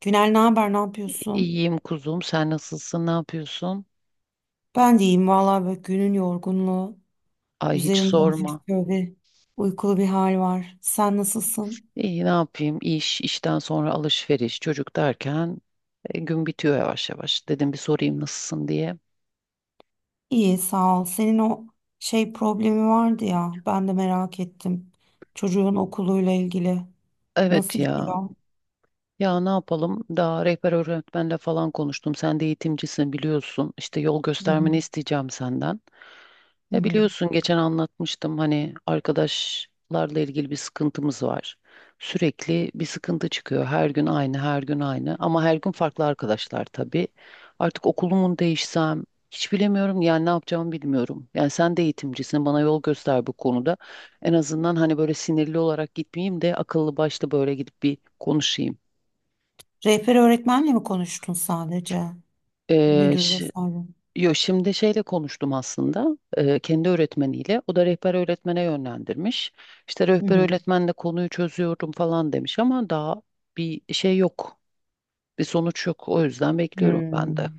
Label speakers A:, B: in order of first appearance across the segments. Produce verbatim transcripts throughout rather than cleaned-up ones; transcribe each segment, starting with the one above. A: Günel ne haber, ne yapıyorsun?
B: İyiyim kuzum. Sen nasılsın? Ne yapıyorsun?
A: Ben de iyiyim vallahi böyle günün yorgunluğu.
B: Ay hiç
A: Üzerimde
B: sorma.
A: hafif böyle uykulu bir hal var. Sen nasılsın?
B: İyi ne yapayım? İş, işten sonra alışveriş, çocuk derken e, gün bitiyor yavaş yavaş. Dedim bir sorayım nasılsın diye.
A: İyi sağ ol. Senin o şey problemi vardı ya ben de merak ettim. Çocuğun okuluyla ilgili.
B: Evet
A: Nasıl
B: ya.
A: gidiyor?
B: Ya ne yapalım? Daha rehber öğretmenle falan konuştum. Sen de eğitimcisin biliyorsun. İşte yol
A: Hı hı.
B: göstermeni isteyeceğim senden.
A: Hı
B: Ya
A: hı.
B: biliyorsun geçen anlatmıştım hani arkadaşlarla ilgili bir sıkıntımız var. Sürekli bir sıkıntı çıkıyor. Her gün aynı, her gün aynı. Ama her gün farklı arkadaşlar tabii. Artık okulumun değişsem hiç bilemiyorum. Yani ne yapacağımı bilmiyorum. Yani sen de eğitimcisin. Bana yol göster bu konuda. En azından hani böyle sinirli olarak gitmeyeyim de akıllı başlı böyle gidip bir konuşayım.
A: Rehber öğretmenle mi konuştun sadece?
B: Ee,
A: Müdür
B: şi-
A: vesaire.
B: yo, Şimdi şeyle konuştum aslında, e, kendi öğretmeniyle. O da rehber öğretmene yönlendirmiş. İşte
A: Hı
B: rehber
A: hı.
B: öğretmenle konuyu çözüyorum falan demiş ama daha bir şey yok. Bir sonuç yok. O yüzden
A: Hı.
B: bekliyorum ben de.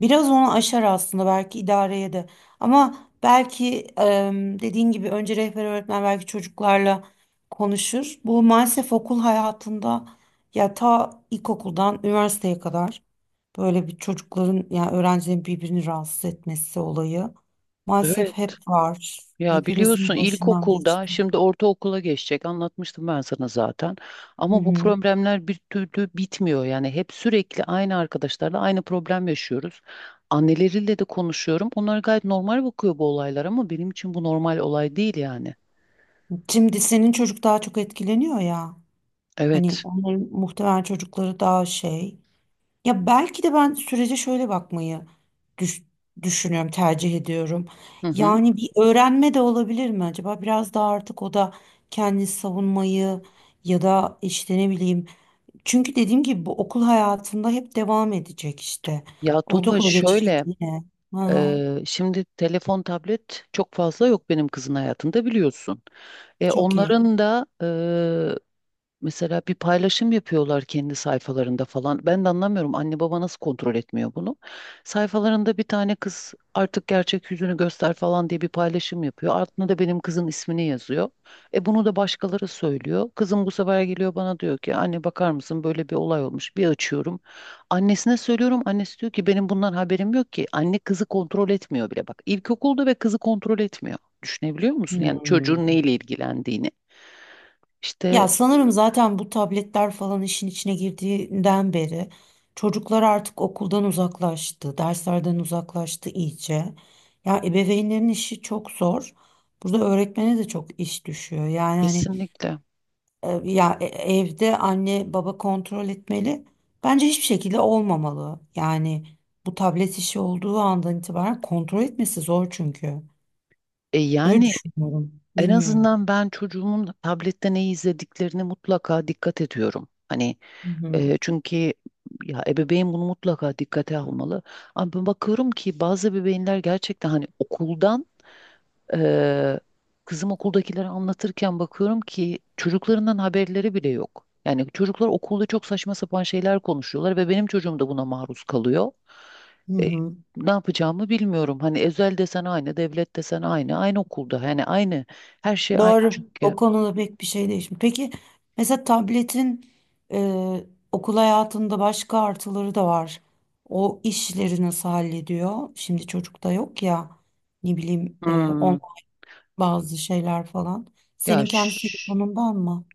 A: Biraz onu aşar aslında belki idareye de. Ama belki em, dediğin gibi önce rehber öğretmen belki çocuklarla konuşur. Bu maalesef okul hayatında ya ta ilkokuldan üniversiteye kadar böyle bir çocukların yani öğrencilerin birbirini rahatsız etmesi olayı maalesef
B: Evet.
A: hep var.
B: Ya biliyorsun
A: Hepimizin başından
B: ilkokulda
A: geçti.
B: şimdi ortaokula geçecek, anlatmıştım ben sana zaten.
A: Hı
B: Ama bu
A: hı.
B: problemler bir türlü bitmiyor yani hep sürekli aynı arkadaşlarla aynı problem yaşıyoruz. Anneleriyle de konuşuyorum. Onlar gayet normal bakıyor bu olaylar ama benim için bu normal olay değil yani.
A: Şimdi senin çocuk daha çok etkileniyor ya. Hani
B: Evet.
A: onların muhtemelen çocukları daha şey. Ya belki de ben sürece şöyle bakmayı düş- düşünüyorum, tercih ediyorum.
B: Hı hı.
A: Yani bir öğrenme de olabilir mi acaba? Biraz daha artık o da kendini savunmayı ya da işte ne bileyim. Çünkü dediğim gibi bu okul hayatında hep devam edecek işte.
B: Ya Tuğba,
A: Ortaokula geçecek
B: şöyle,
A: yine. Aha,
B: e, şimdi telefon tablet çok fazla yok benim kızın hayatında biliyorsun. E,
A: çok iyi.
B: onların da mesela bir paylaşım yapıyorlar kendi sayfalarında falan. Ben de anlamıyorum anne baba nasıl kontrol etmiyor bunu. Sayfalarında bir tane kız artık gerçek yüzünü göster falan diye bir paylaşım yapıyor. Altına da benim kızın ismini yazıyor. E bunu da başkaları söylüyor. Kızım bu sefer geliyor bana diyor ki anne bakar mısın, böyle bir olay olmuş. Bir açıyorum. Annesine söylüyorum. Annesi diyor ki benim bundan haberim yok ki. Anne kızı kontrol etmiyor bile bak. İlkokulda ve kızı kontrol etmiyor. Düşünebiliyor musun? Yani
A: Hmm.
B: çocuğun neyle ilgilendiğini. İşte.
A: Ya sanırım zaten bu tabletler falan işin içine girdiğinden beri çocuklar artık okuldan uzaklaştı, derslerden uzaklaştı iyice. Ya ebeveynlerin işi çok zor. Burada öğretmene de çok iş düşüyor. Yani hani
B: Kesinlikle.
A: e, ya e- evde anne baba kontrol etmeli. Bence hiçbir şekilde olmamalı. Yani bu tablet işi olduğu andan itibaren kontrol etmesi zor çünkü.
B: E
A: Öyle
B: yani
A: düşünüyorum.
B: en
A: Bilmiyorum.
B: azından ben çocuğumun tablette ne izlediklerini mutlaka dikkat ediyorum. Hani,
A: Hı hı.
B: e, çünkü ya ebeveyn bunu mutlaka dikkate almalı. Ama ben bakıyorum ki bazı ebeveynler gerçekten hani okuldan, e, kızım okuldakileri anlatırken bakıyorum ki çocuklarından haberleri bile yok. Yani çocuklar okulda çok saçma sapan şeyler konuşuyorlar ve benim çocuğum da buna maruz kalıyor.
A: Hı
B: E,
A: hı.
B: Ne yapacağımı bilmiyorum. Hani özel desen aynı, devlet desen aynı, aynı okulda. Yani aynı, her şey aynı
A: Doğru.
B: çünkü.
A: O konuda pek bir şey değişmiyor. Peki mesela tabletin e, okul hayatında başka artıları da var. O işleri nasıl hallediyor? Şimdi çocukta yok ya ne bileyim e,
B: Hmm.
A: on bazı şeyler falan.
B: Ya
A: Senin kendi
B: ş-
A: telefonundan mı?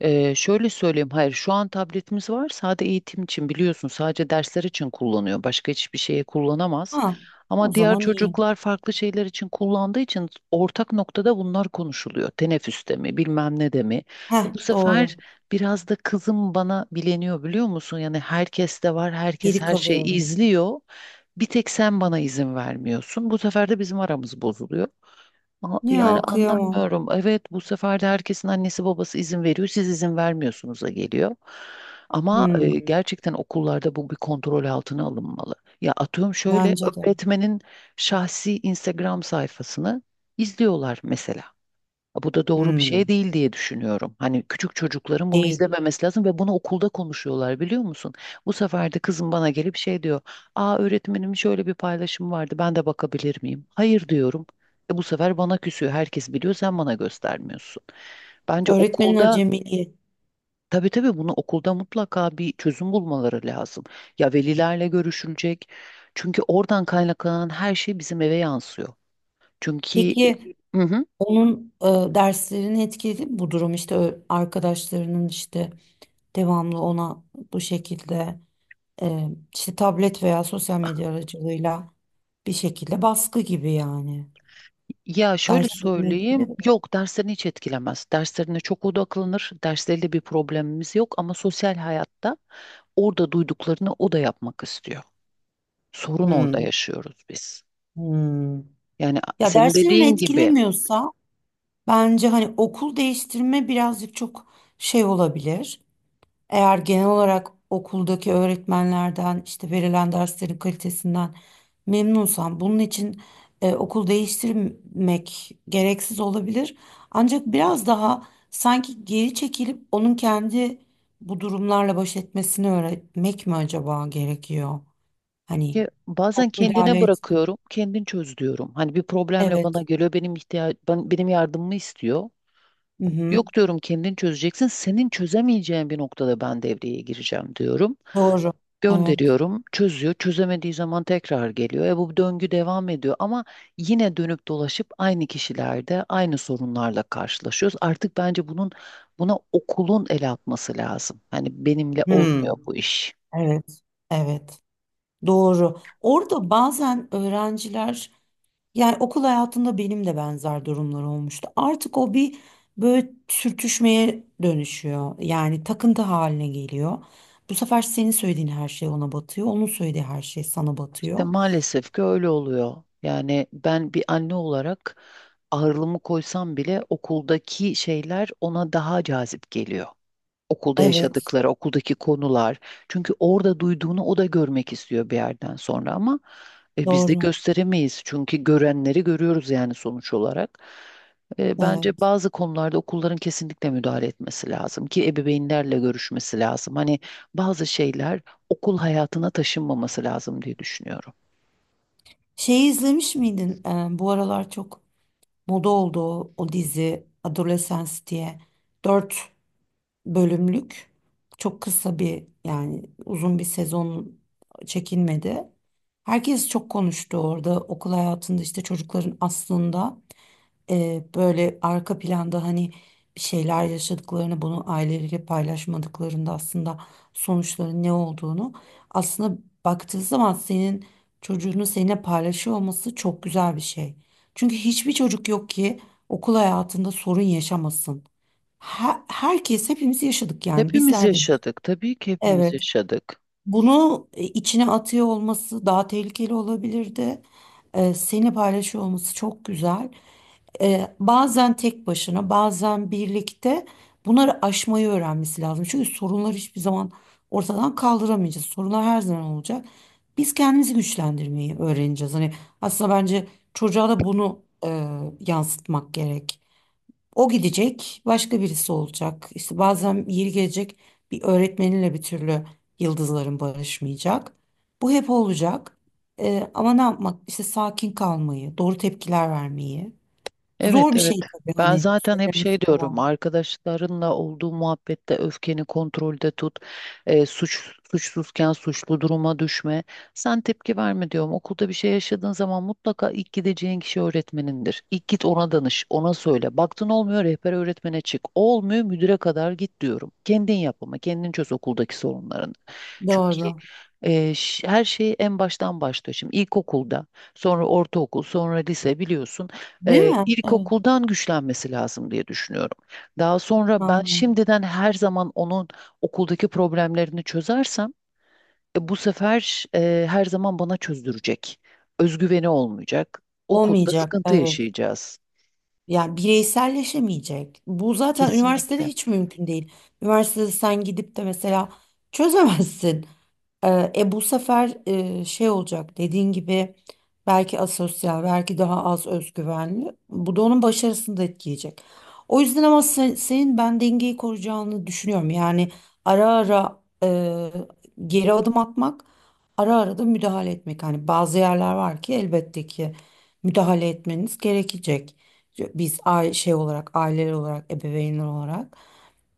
B: E, şöyle söyleyeyim, hayır şu an tabletimiz var sadece eğitim için biliyorsun, sadece dersler için kullanıyor, başka hiçbir şeye kullanamaz.
A: Ha, o
B: Ama diğer
A: zaman iyi.
B: çocuklar farklı şeyler için kullandığı için ortak noktada bunlar konuşuluyor. Teneffüste mi, bilmem ne de mi.
A: Heh,
B: Bu sefer
A: doğru.
B: biraz da kızım bana bileniyor biliyor musun? Yani herkes de var, herkes
A: Geri
B: her şeyi
A: kalıyorum.
B: izliyor. Bir tek sen bana izin vermiyorsun. Bu sefer de bizim aramız bozuluyor. Ama yani
A: Ya kıyamam.
B: anlamıyorum. Evet, bu sefer de herkesin annesi babası izin veriyor. Siz izin vermiyorsunuz'a geliyor. Ama e,
A: Hmm,
B: gerçekten okullarda bu bir kontrol altına alınmalı. Ya atıyorum şöyle,
A: bence de.
B: öğretmenin şahsi Instagram sayfasını izliyorlar mesela. Bu da doğru bir şey
A: Hmm,
B: değil diye düşünüyorum. Hani küçük çocukların bunu
A: değil.
B: izlememesi lazım ve bunu okulda konuşuyorlar biliyor musun? Bu sefer de kızım bana gelip şey diyor. Aa, öğretmenim şöyle bir paylaşım vardı, ben de bakabilir miyim? Hayır diyorum. E bu sefer bana küsüyor. Herkes biliyor sen bana göstermiyorsun. Bence
A: Öğretmenin
B: okulda,
A: acemiliği.
B: tabii tabii bunu okulda mutlaka bir çözüm bulmaları lazım. Ya velilerle görüşülecek. Çünkü oradan kaynaklanan her şey bizim eve yansıyor. Çünkü... e,
A: Peki
B: Hı hı.
A: onun e, derslerini etkiledi bu durum işte ö- arkadaşlarının işte devamlı ona bu şekilde e, işte tablet veya sosyal medya aracılığıyla bir şekilde baskı gibi yani.
B: Ya şöyle
A: Derslerini
B: söyleyeyim,
A: etkiledi.
B: yok derslerini hiç etkilemez. Derslerine çok odaklanır, dersleriyle bir problemimiz yok ama sosyal hayatta orada duyduklarını o da yapmak istiyor. Sorun orada
A: Hmm,
B: yaşıyoruz biz.
A: hmm.
B: Yani a-
A: Ya
B: senin
A: derslerini
B: dediğin gibi,
A: etkilemiyorsa bence hani okul değiştirme birazcık çok şey olabilir. Eğer genel olarak okuldaki öğretmenlerden işte verilen derslerin kalitesinden memnunsan bunun için e, okul değiştirmek gereksiz olabilir. Ancak biraz daha sanki geri çekilip onun kendi bu durumlarla baş etmesini öğretmek mi acaba gerekiyor? Hani
B: ki bazen
A: çok
B: kendine
A: müdahale etme.
B: bırakıyorum, kendin çöz diyorum. Hani bir problemle bana
A: Evet.
B: geliyor, benim ihtiyaç, ben, benim yardımımı istiyor.
A: Hı hı.
B: Yok diyorum, kendin çözeceksin, senin çözemeyeceğin bir noktada ben devreye gireceğim diyorum.
A: Doğru. Evet.
B: Gönderiyorum, çözüyor. Çözemediği zaman tekrar geliyor. E bu döngü devam ediyor ama yine dönüp dolaşıp aynı kişilerde aynı sorunlarla karşılaşıyoruz. Artık bence bunun buna okulun el atması lazım. Hani benimle
A: Hmm.
B: olmuyor bu iş.
A: Evet. Evet. Doğru. Orada bazen öğrenciler, yani okul hayatında benim de benzer durumlar olmuştu. Artık o bir böyle sürtüşmeye dönüşüyor. Yani takıntı haline geliyor. Bu sefer senin söylediğin her şey ona batıyor. Onun söylediği her şey sana
B: İşte
A: batıyor.
B: maalesef ki öyle oluyor. Yani ben bir anne olarak ağırlığımı koysam bile okuldaki şeyler ona daha cazip geliyor. Okulda
A: Evet.
B: yaşadıkları, okuldaki konular. Çünkü orada duyduğunu o da görmek istiyor bir yerden sonra ama e, biz de
A: Doğru.
B: gösteremeyiz. Çünkü görenleri görüyoruz yani sonuç olarak. E, bence
A: Evet.
B: bazı konularda okulların kesinlikle müdahale etmesi lazım ki ebeveynlerle görüşmesi lazım. Hani bazı şeyler okul hayatına taşınmaması lazım diye düşünüyorum.
A: Şeyi izlemiş miydin? Ee, bu aralar çok moda oldu o, o dizi Adolescence diye. Dört bölümlük. Çok kısa bir yani uzun bir sezon çekilmedi. Herkes çok konuştu orada okul hayatında işte çocukların aslında e, böyle arka planda hani bir şeyler yaşadıklarını, bunu aileleriyle paylaşmadıklarında aslında sonuçların ne olduğunu, aslında baktığı zaman senin çocuğunu seninle paylaşıyor olması çok güzel bir şey. Çünkü hiçbir çocuk yok ki okul hayatında sorun yaşamasın. Her- herkes hepimiz yaşadık yani
B: Hepimiz
A: bizler de.
B: yaşadık. Tabii ki hepimiz
A: Evet.
B: yaşadık.
A: Bunu e, içine atıyor olması daha tehlikeli olabilirdi. E, seni paylaşıyor olması çok güzel. E, bazen tek başına, bazen birlikte bunları aşmayı öğrenmesi lazım. Çünkü sorunlar hiçbir zaman ortadan kaldıramayacağız. Sorunlar her zaman olacak. Biz kendimizi güçlendirmeyi öğreneceğiz. Hani aslında bence çocuğa da bunu e, yansıtmak gerek. O gidecek, başka birisi olacak. İşte bazen yeri gelecek bir öğretmeninle bir türlü yıldızların barışmayacak. Bu hep olacak. Ee, ama ne yapmak? İşte sakin kalmayı, doğru tepkiler vermeyi.
B: Evet
A: Zor bir
B: evet.
A: şey tabii
B: Ben
A: hani
B: zaten hep şey
A: söylemesi kolay.
B: diyorum, arkadaşlarınla olduğu muhabbette öfkeni kontrolde tut. E, suç suçsuzken suçlu duruma düşme. Sen tepki verme diyorum. Okulda bir şey yaşadığın zaman mutlaka ilk gideceğin kişi öğretmenindir. İlk git ona danış, ona söyle. Baktın olmuyor rehber öğretmene çık. Olmuyor müdüre kadar git diyorum. Kendin yap ama kendin çöz okuldaki sorunlarını. Çünkü
A: Doğru.
B: e, ş- her şey en baştan başlıyor. Şimdi ilkokulda, sonra ortaokul, sonra lise biliyorsun,
A: Değil
B: e,
A: mi? Evet,
B: ilkokuldan güçlenmesi lazım diye düşünüyorum. Daha sonra ben
A: aynen.
B: şimdiden her zaman onun okuldaki problemlerini çözersem, e, bu sefer e, her zaman bana çözdürecek. Özgüveni olmayacak. Okulda
A: Olmayacak,
B: sıkıntı
A: evet.
B: yaşayacağız.
A: Yani bireyselleşemeyecek. Bu zaten üniversitede
B: Kesinlikle.
A: hiç mümkün değil. Üniversitede sen gidip de mesela çözemezsin. Ee, E, bu sefer e, şey olacak dediğin gibi belki asosyal, belki daha az özgüvenli. Bu da onun başarısını da etkileyecek. O yüzden ama sen- senin ben dengeyi koruyacağını düşünüyorum. Yani ara ara e, geri adım atmak, ara ara da müdahale etmek. Hani bazı yerler var ki elbette ki müdahale etmeniz gerekecek. Biz aile şey olarak, aileler olarak, ebeveynler olarak.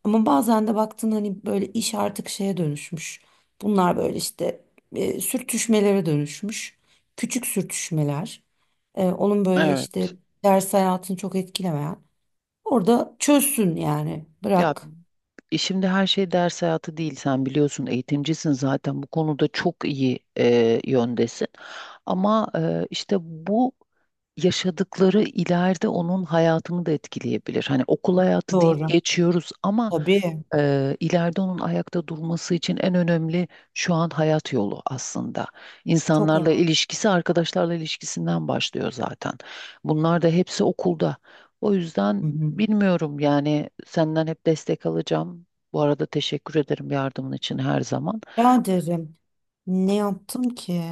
A: Ama bazen de baktın hani böyle iş artık şeye dönüşmüş. Bunlar böyle işte e, sürtüşmelere dönüşmüş. Küçük sürtüşmeler. E, onun böyle işte
B: Evet.
A: ders hayatını çok etkilemeyen. Orada çözsün yani.
B: Ya
A: Bırak.
B: E şimdi her şey ders hayatı değil. Sen biliyorsun eğitimcisin zaten bu konuda çok iyi, e, yöndesin. Ama e, işte bu yaşadıkları ileride onun hayatını da etkileyebilir. Hani okul hayatı deyip
A: Doğru.
B: geçiyoruz ama
A: Tabii.
B: e, ileride onun ayakta durması için en önemli, şu an hayat yolu aslında.
A: Çok
B: İnsanlarla
A: önemli.
B: ilişkisi, arkadaşlarla ilişkisinden başlıyor zaten. Bunlar da hepsi okulda. O yüzden
A: Hı hı.
B: bilmiyorum yani senden hep destek alacağım. Bu arada teşekkür ederim yardımın için her zaman.
A: Ya derim. Ne yaptım ki?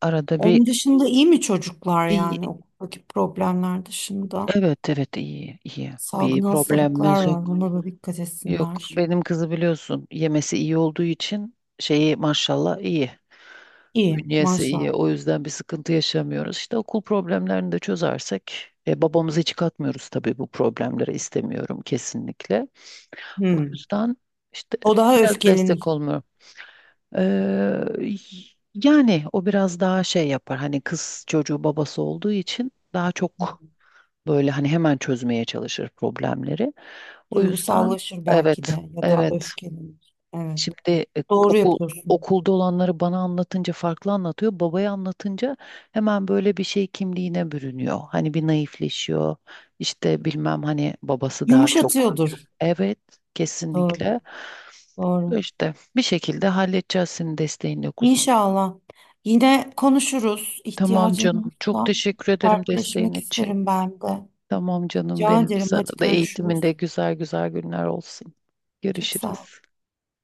B: Arada bir
A: Onun dışında iyi mi çocuklar
B: iyi,
A: yani okuldaki problemler dışında?
B: evet evet, iyi iyi, bir
A: Salgın hastalıklar
B: problemimiz
A: var.
B: yok.
A: Ona da dikkat
B: Yok
A: etsinler.
B: benim kızı biliyorsun yemesi iyi olduğu için şeyi maşallah iyi.
A: İyi
B: Bünyesi iyi,
A: maşallah.
B: o yüzden bir sıkıntı yaşamıyoruz. İşte okul problemlerini de çözersek, e, babamızı hiç katmıyoruz tabii bu problemlere, istemiyorum kesinlikle. O
A: Hmm.
B: yüzden işte
A: O daha
B: biraz
A: öfkeleniyor.
B: destek olmuyor. Ee, Yani o biraz daha şey yapar. Hani kız çocuğu babası olduğu için daha çok böyle hani hemen çözmeye çalışır problemleri. O yüzden
A: Duygusallaşır belki
B: evet,
A: de ya da
B: evet.
A: öfkelenir. Evet.
B: Şimdi e,
A: Doğru
B: okul
A: yapıyorsun.
B: okulda olanları bana anlatınca farklı anlatıyor. Babaya anlatınca hemen böyle bir şey kimliğine bürünüyor. Hani bir naifleşiyor. İşte bilmem hani babası daha çok.
A: Yumuşatıyordur.
B: Evet,
A: Doğru.
B: kesinlikle.
A: Doğru.
B: İşte bir şekilde halledeceğiz senin desteğinle kuzum.
A: İnşallah. Yine konuşuruz.
B: Tamam
A: İhtiyacın
B: canım. Çok
A: olursa
B: teşekkür ederim desteğin
A: dertleşmek
B: için.
A: isterim ben de.
B: Tamam canım
A: Rica
B: benim.
A: ederim.
B: Sana
A: Hadi
B: da eğitiminde
A: görüşürüz.
B: güzel güzel günler olsun.
A: Çok sağ ol.
B: Görüşürüz.